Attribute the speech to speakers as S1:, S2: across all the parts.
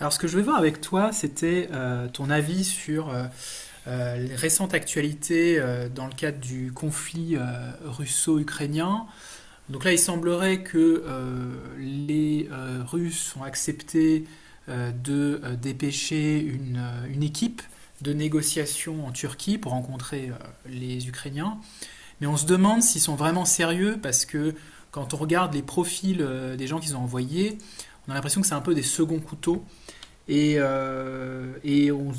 S1: Alors, ce que je voulais voir avec toi, c'était ton avis sur les récentes actualités dans le cadre du conflit russo-ukrainien. Donc là, il semblerait que les Russes ont accepté de dépêcher une équipe de négociation en Turquie pour rencontrer les Ukrainiens. Mais on se demande s'ils sont vraiment sérieux parce que quand on regarde les profils des gens qu'ils ont envoyés, on a l'impression que c'est un peu des seconds couteaux et on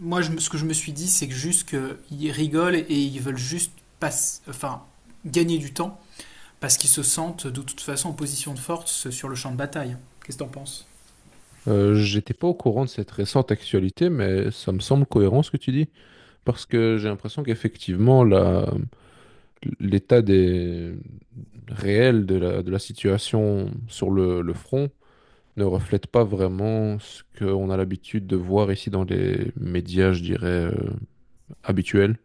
S1: moi, je ce que je me suis dit, c'est que juste qu'ils rigolent et ils veulent juste passe- enfin, gagner du temps parce qu'ils se sentent de toute façon en position de force sur le champ de bataille. Qu'est-ce que t'en penses?
S2: J'étais pas au courant de cette récente actualité, mais ça me semble cohérent ce que tu dis, parce que j'ai l'impression qu'effectivement, l'état des, réel de la situation sur le front ne reflète pas vraiment ce qu'on a l'habitude de voir ici dans les médias, je dirais, habituels.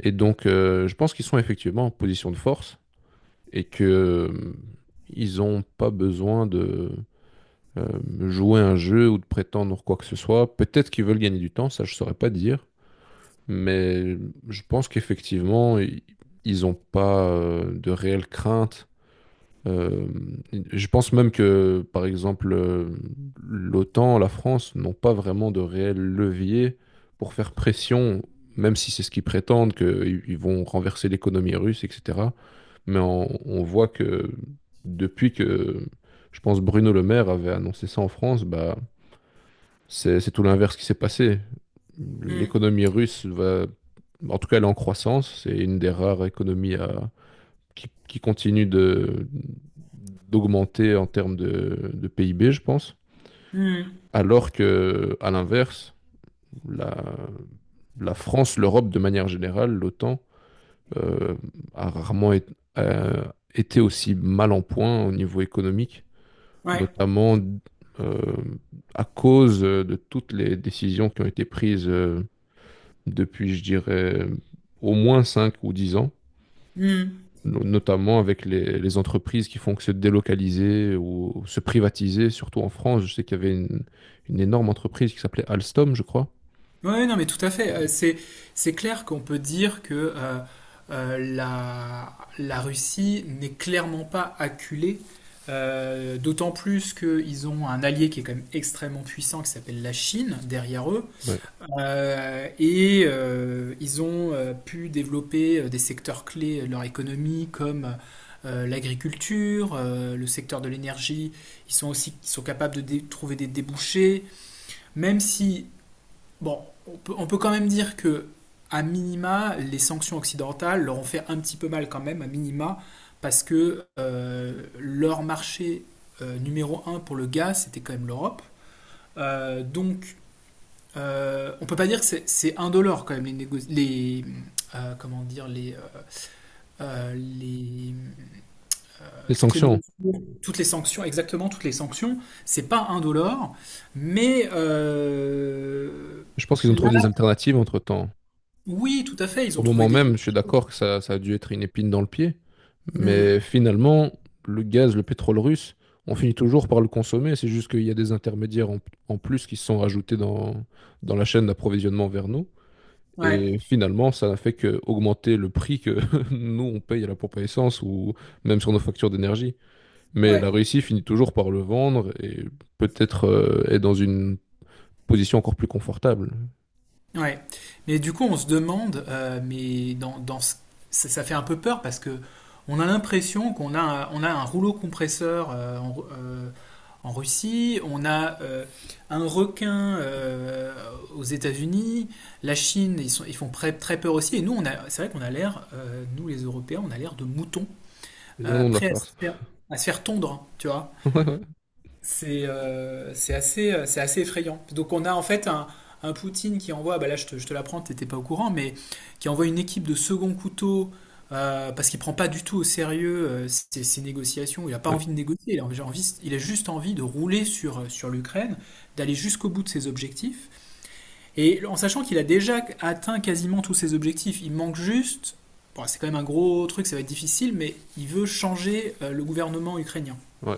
S2: Et donc, je pense qu'ils sont effectivement en position de force et que ils ont pas besoin euh, jouer un jeu ou de prétendre quoi que ce soit. Peut-être qu'ils veulent gagner du temps, ça je saurais pas dire, mais je pense qu'effectivement, ils n'ont pas de réelle crainte euh, je pense même que, par exemple, l'OTAN, la France n'ont pas vraiment de réel levier pour faire pression, même si c'est ce qu'ils prétendent, qu'ils vont renverser l'économie russe, etc. Mais on voit que depuis que, je pense, Bruno Le Maire avait annoncé ça en France, bah, c'est tout l'inverse qui s'est passé.
S1: Hmm,
S2: L'économie russe va, en tout cas, elle est en croissance. C'est une des rares économies à qui continue d'augmenter en termes de PIB, je pense.
S1: hmm,
S2: Alors que, à l'inverse, la, la France, l'Europe de manière générale, l'OTAN, euh, a rarement été été aussi mal en point au niveau économique,
S1: ouais,
S2: notamment euh, à cause de toutes les décisions qui ont été prises depuis, je dirais, au moins 5 ou 10 ans,
S1: hmm.
S2: notamment avec les entreprises qui font que se délocaliser ou se privatiser, surtout en France. Je sais qu'il y avait une énorme entreprise qui s'appelait Alstom, je crois.
S1: Ouais, non, mais tout à fait.
S2: qui-
S1: C'est clair qu'on peut dire que la Russie n'est clairement pas acculée, d'autant plus qu'ils ont un allié qui est quand même extrêmement puissant qui s'appelle la Chine derrière eux.
S2: Ouais.
S1: Ils ont pu développer des secteurs clés de leur économie comme l'agriculture, le secteur de l'énergie. Ils sont capables de trouver des débouchés, même si, bon, on peut quand même dire que, à minima, les sanctions occidentales leur ont fait un petit peu mal quand même, à minima, parce que leur marché numéro un pour le gaz, c'était quand même l'Europe. Euh, donc, on peut pas dire que c'est indolore quand même les comment dire les
S2: Les
S1: toutes les
S2: sanctions.
S1: mesures, toutes les sanctions exactement toutes les sanctions c'est pas indolore mais
S2: Je pense qu'ils ont
S1: là
S2: trouvé des alternatives entre-temps.
S1: oui tout à fait ils
S2: Au
S1: ont trouvé
S2: moment
S1: des
S2: même, je suis d'accord que ça a dû être une épine dans le pied,
S1: Hmm,
S2: mais finalement, le gaz, le pétrole russe, on finit toujours par le consommer. C'est juste qu'il y a des intermédiaires en plus qui se sont rajoutés dans la chaîne d'approvisionnement vers nous.
S1: ouais
S2: Et finalement, ça n'a fait que augmenter le prix que nous, on paye à la pompe à essence ou même sur nos factures d'énergie. Mais
S1: ouais.
S2: la Russie finit toujours par le vendre et peut-être est dans une position encore plus confortable.
S1: Ouais, mais du coup, on se demande, mais ça, ça fait un peu peur parce que on a l'impression qu'on a, on a un rouleau compresseur en Russie, on a un requin aux États-Unis, la Chine, ils font très, très peur aussi, et nous, on a, c'est vrai qu'on a l'air, nous les Européens, on a l'air de moutons
S2: C'est bien non de la
S1: prêts
S2: farce.
S1: à se faire tondre, hein, tu vois
S2: Ouais, ouais.
S1: c'est c'est assez effrayant. Donc on a en fait un Poutine qui envoie, bah là je te l'apprends, t'étais pas au courant, mais qui envoie une équipe de second couteau parce qu'il prend pas du tout au sérieux ses négociations. Il a pas
S2: Ouais,
S1: envie de négocier, il a juste envie de rouler sur, sur l'Ukraine, d'aller jusqu'au bout de ses objectifs. Et en sachant qu'il a déjà atteint quasiment tous ses objectifs, il manque juste, bon, c'est quand même un gros truc, ça va être difficile, mais il veut changer le gouvernement ukrainien.
S2: ouais.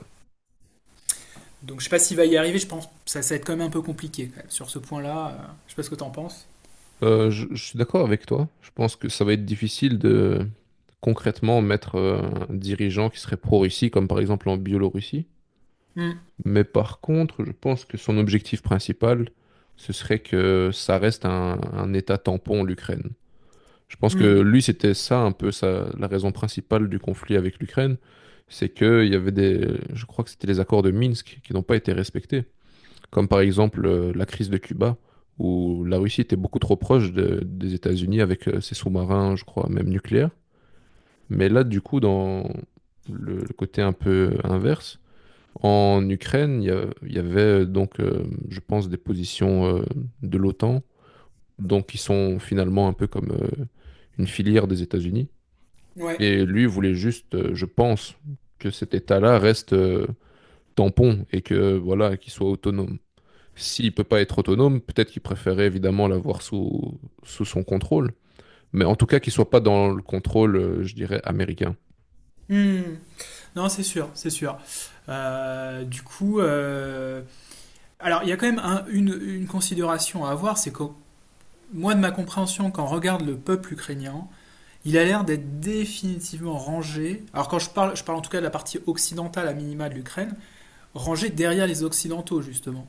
S1: Donc je sais pas s'il va y arriver, je pense que ça va être quand même un peu compliqué quand même, sur ce point-là. Euh, je sais pas ce que t'en penses.
S2: Je suis d'accord avec toi. Je pense que ça va être difficile de concrètement mettre un dirigeant qui serait pro-Russie, comme par exemple en Biélorussie.
S1: Hmm.
S2: Mais par contre, je pense que son objectif principal, ce serait que ça reste un état tampon, l'Ukraine. Je pense que
S1: Hmm.
S2: lui, c'était ça un peu ça, la raison principale du conflit avec l'Ukraine, c'est que il y avait je crois que c'était les accords de Minsk qui n'ont pas été respectés, comme par exemple la crise de Cuba, où la Russie était beaucoup trop proche des États-Unis avec ses sous-marins, je crois, même nucléaires. Mais là, du coup, dans le côté un peu inverse, en Ukraine, il y avait je pense, des positions de l'OTAN, donc qui sont finalement un peu comme une filière des États-Unis.
S1: Ouais.
S2: Et lui voulait juste, je pense, que cet État-là reste tampon et que voilà, qu'il soit autonome. S'il peut pas être autonome, peut-être qu'il préférait évidemment l'avoir sous, sous son contrôle, mais en tout cas qu'il soit pas dans le contrôle, je dirais, américain.
S1: Hmm. Non, c'est sûr, c'est sûr. Euh, du coup, euh, alors il y a quand même une considération à avoir, c'est que moi de ma compréhension, quand on regarde le peuple ukrainien, il a l'air d'être définitivement rangé. Alors je parle en tout cas de la partie occidentale à minima de l'Ukraine, rangé derrière les occidentaux justement.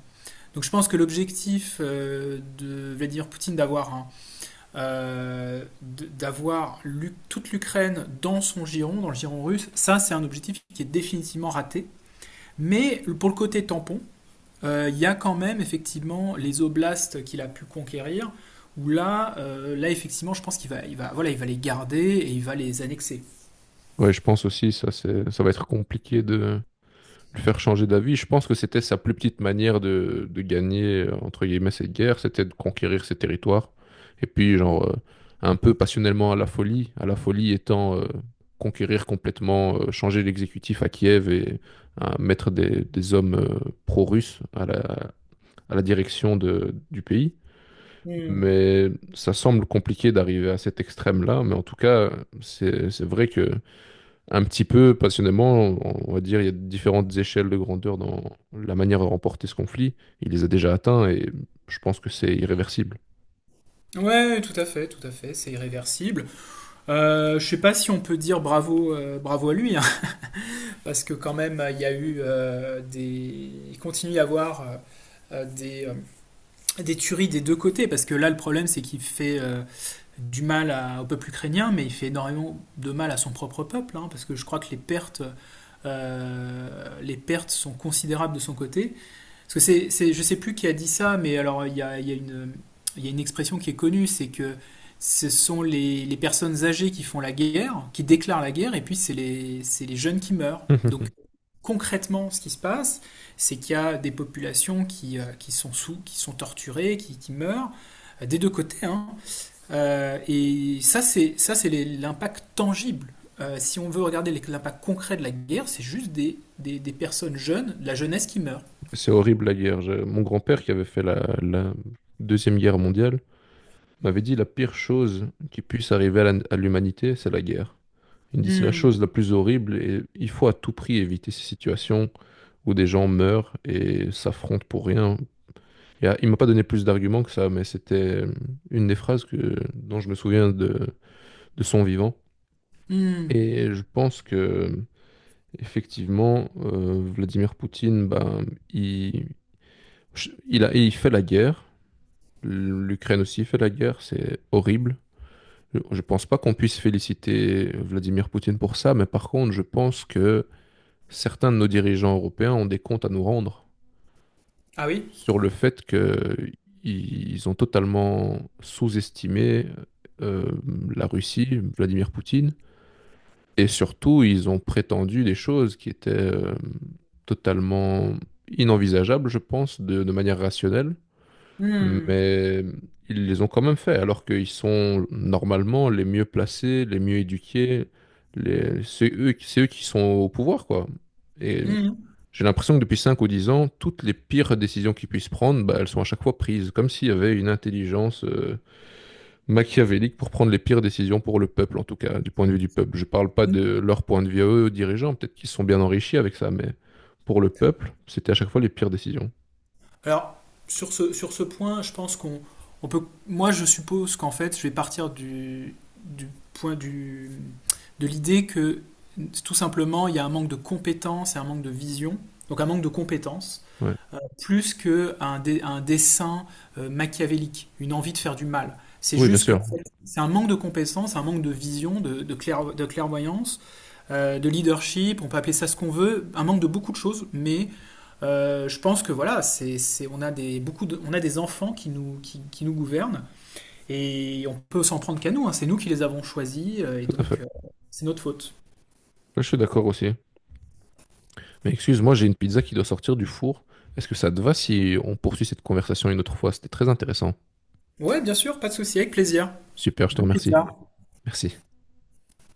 S1: Donc je pense que l'objectif de Vladimir Poutine d'avoir un d'avoir toute l'Ukraine dans son giron, dans le giron russe, ça c'est un objectif qui est définitivement raté. Mais pour le côté tampon, il y a quand même effectivement les oblasts qu'il a pu conquérir, où là, là effectivement, je pense qu'il va, il va, voilà, il va les garder et il va les annexer.
S2: Ouais, je pense aussi ça, ça va être compliqué de le faire changer d'avis. Je pense que c'était sa plus petite manière de gagner, entre guillemets, cette guerre, c'était de conquérir ses territoires. Et puis, genre, un peu passionnellement à la folie étant conquérir complètement, changer l'exécutif à Kiev et mettre des hommes pro-russes à à la direction du pays.
S1: Mmh.
S2: Mais ça semble compliqué d'arriver à cet extrême-là. Mais en tout cas, c'est vrai que un petit peu passionnément, on va dire, il y a différentes échelles de grandeur dans la manière de remporter ce conflit. Il les a déjà atteints et je pense que c'est irréversible.
S1: Ouais, tout à fait, c'est irréversible. Je sais pas si on peut dire bravo, bravo à lui, hein, parce que quand même, il continue à y avoir euh, des euh, des tueries des deux côtés, parce que là, le problème, c'est qu'il fait du mal au peuple ukrainien, mais il fait énormément de mal à son propre peuple, hein, parce que je crois que les pertes sont considérables de son côté. Parce que je sais plus qui a dit ça, mais alors il y a une expression qui est connue, c'est que ce sont les personnes âgées qui font la guerre, qui déclarent la guerre, et puis c'est les jeunes qui meurent. Donc concrètement, ce qui se passe, c'est qu'il y a des populations qui, qui sont torturées, qui meurent, des deux côtés, hein. Et ça, c'est l'impact tangible. Si on veut regarder l'impact concret de la guerre, c'est juste des personnes jeunes, de la jeunesse qui meurt.
S2: C'est horrible la guerre. Mon grand-père qui avait fait la Deuxième Guerre mondiale m'avait dit la pire chose qui puisse arriver à à l'humanité, c'est la guerre. Il me dit c'est la
S1: Hmm,
S2: chose la plus horrible et il faut à tout prix éviter ces situations où des gens meurent et s'affrontent pour rien. Il m'a pas donné plus d'arguments que ça, mais c'était euh, une des phrases que, dont je me souviens de son vivant.
S1: hmm.
S2: Et je pense que, effectivement, Vladimir Poutine, ben, il, je- il a, il fait la guerre. L'Ukraine aussi fait la guerre. C'est horrible. Je pense pas qu'on puisse féliciter Vladimir Poutine pour ça, mais par contre, je pense que certains de nos dirigeants européens ont des comptes à nous rendre.
S1: Ah oui?
S2: Sur le fait qu'ils ont totalement sous-estimé euh, la Russie, Vladimir Poutine, et surtout ils ont prétendu des choses qui étaient totalement inenvisageables, je pense, de manière rationnelle,
S1: Hmm,
S2: mais ils les ont quand même fait, alors qu'ils sont normalement les mieux placés, les mieux éduqués, les... c'est eux, c'est eux qui sont au pouvoir, quoi. Et j'ai l'impression que depuis 5 ou 10 ans, toutes les pires décisions qu'ils puissent prendre, bah, elles sont à chaque fois prises, comme s'il y avait une intelligence machiavélique pour prendre les pires décisions pour le peuple, en tout cas, du point de vue du peuple. Je parle pas
S1: hmm.
S2: de leur point de vue à eux, aux dirigeants, peut-être qu'ils se sont bien enrichis avec ça, mais pour le peuple, c'était à chaque fois les pires décisions.
S1: Alors, sur ce point, je pense qu'on on peut. Moi, je suppose qu'en fait, je vais partir du point de l'idée que tout simplement, il y a un manque de compétences et un manque de vision, donc un manque de compétences,
S2: Ouais.
S1: plus qu'un un dessin machiavélique, une envie de faire du mal. C'est
S2: Oui, bien
S1: juste que
S2: sûr,
S1: en fait, c'est un manque de compétences, un manque de vision, de de clairvoyance, de leadership, on peut appeler ça ce qu'on veut, un manque de beaucoup de choses, mais je pense que voilà, on a on a des enfants qui nous, qui nous gouvernent et on peut s'en prendre qu'à nous, hein. C'est nous qui les avons choisis et
S2: tout à fait.
S1: donc c'est notre faute.
S2: Là, je suis d'accord aussi. Mais excuse-moi, j'ai une pizza qui doit sortir du four. Est-ce que ça te va si on poursuit cette conversation une autre fois? C'était très intéressant.
S1: Ouais, bien sûr, pas de souci, avec plaisir.
S2: Super, je te
S1: Bonne
S2: remercie.
S1: pizza.
S2: Merci.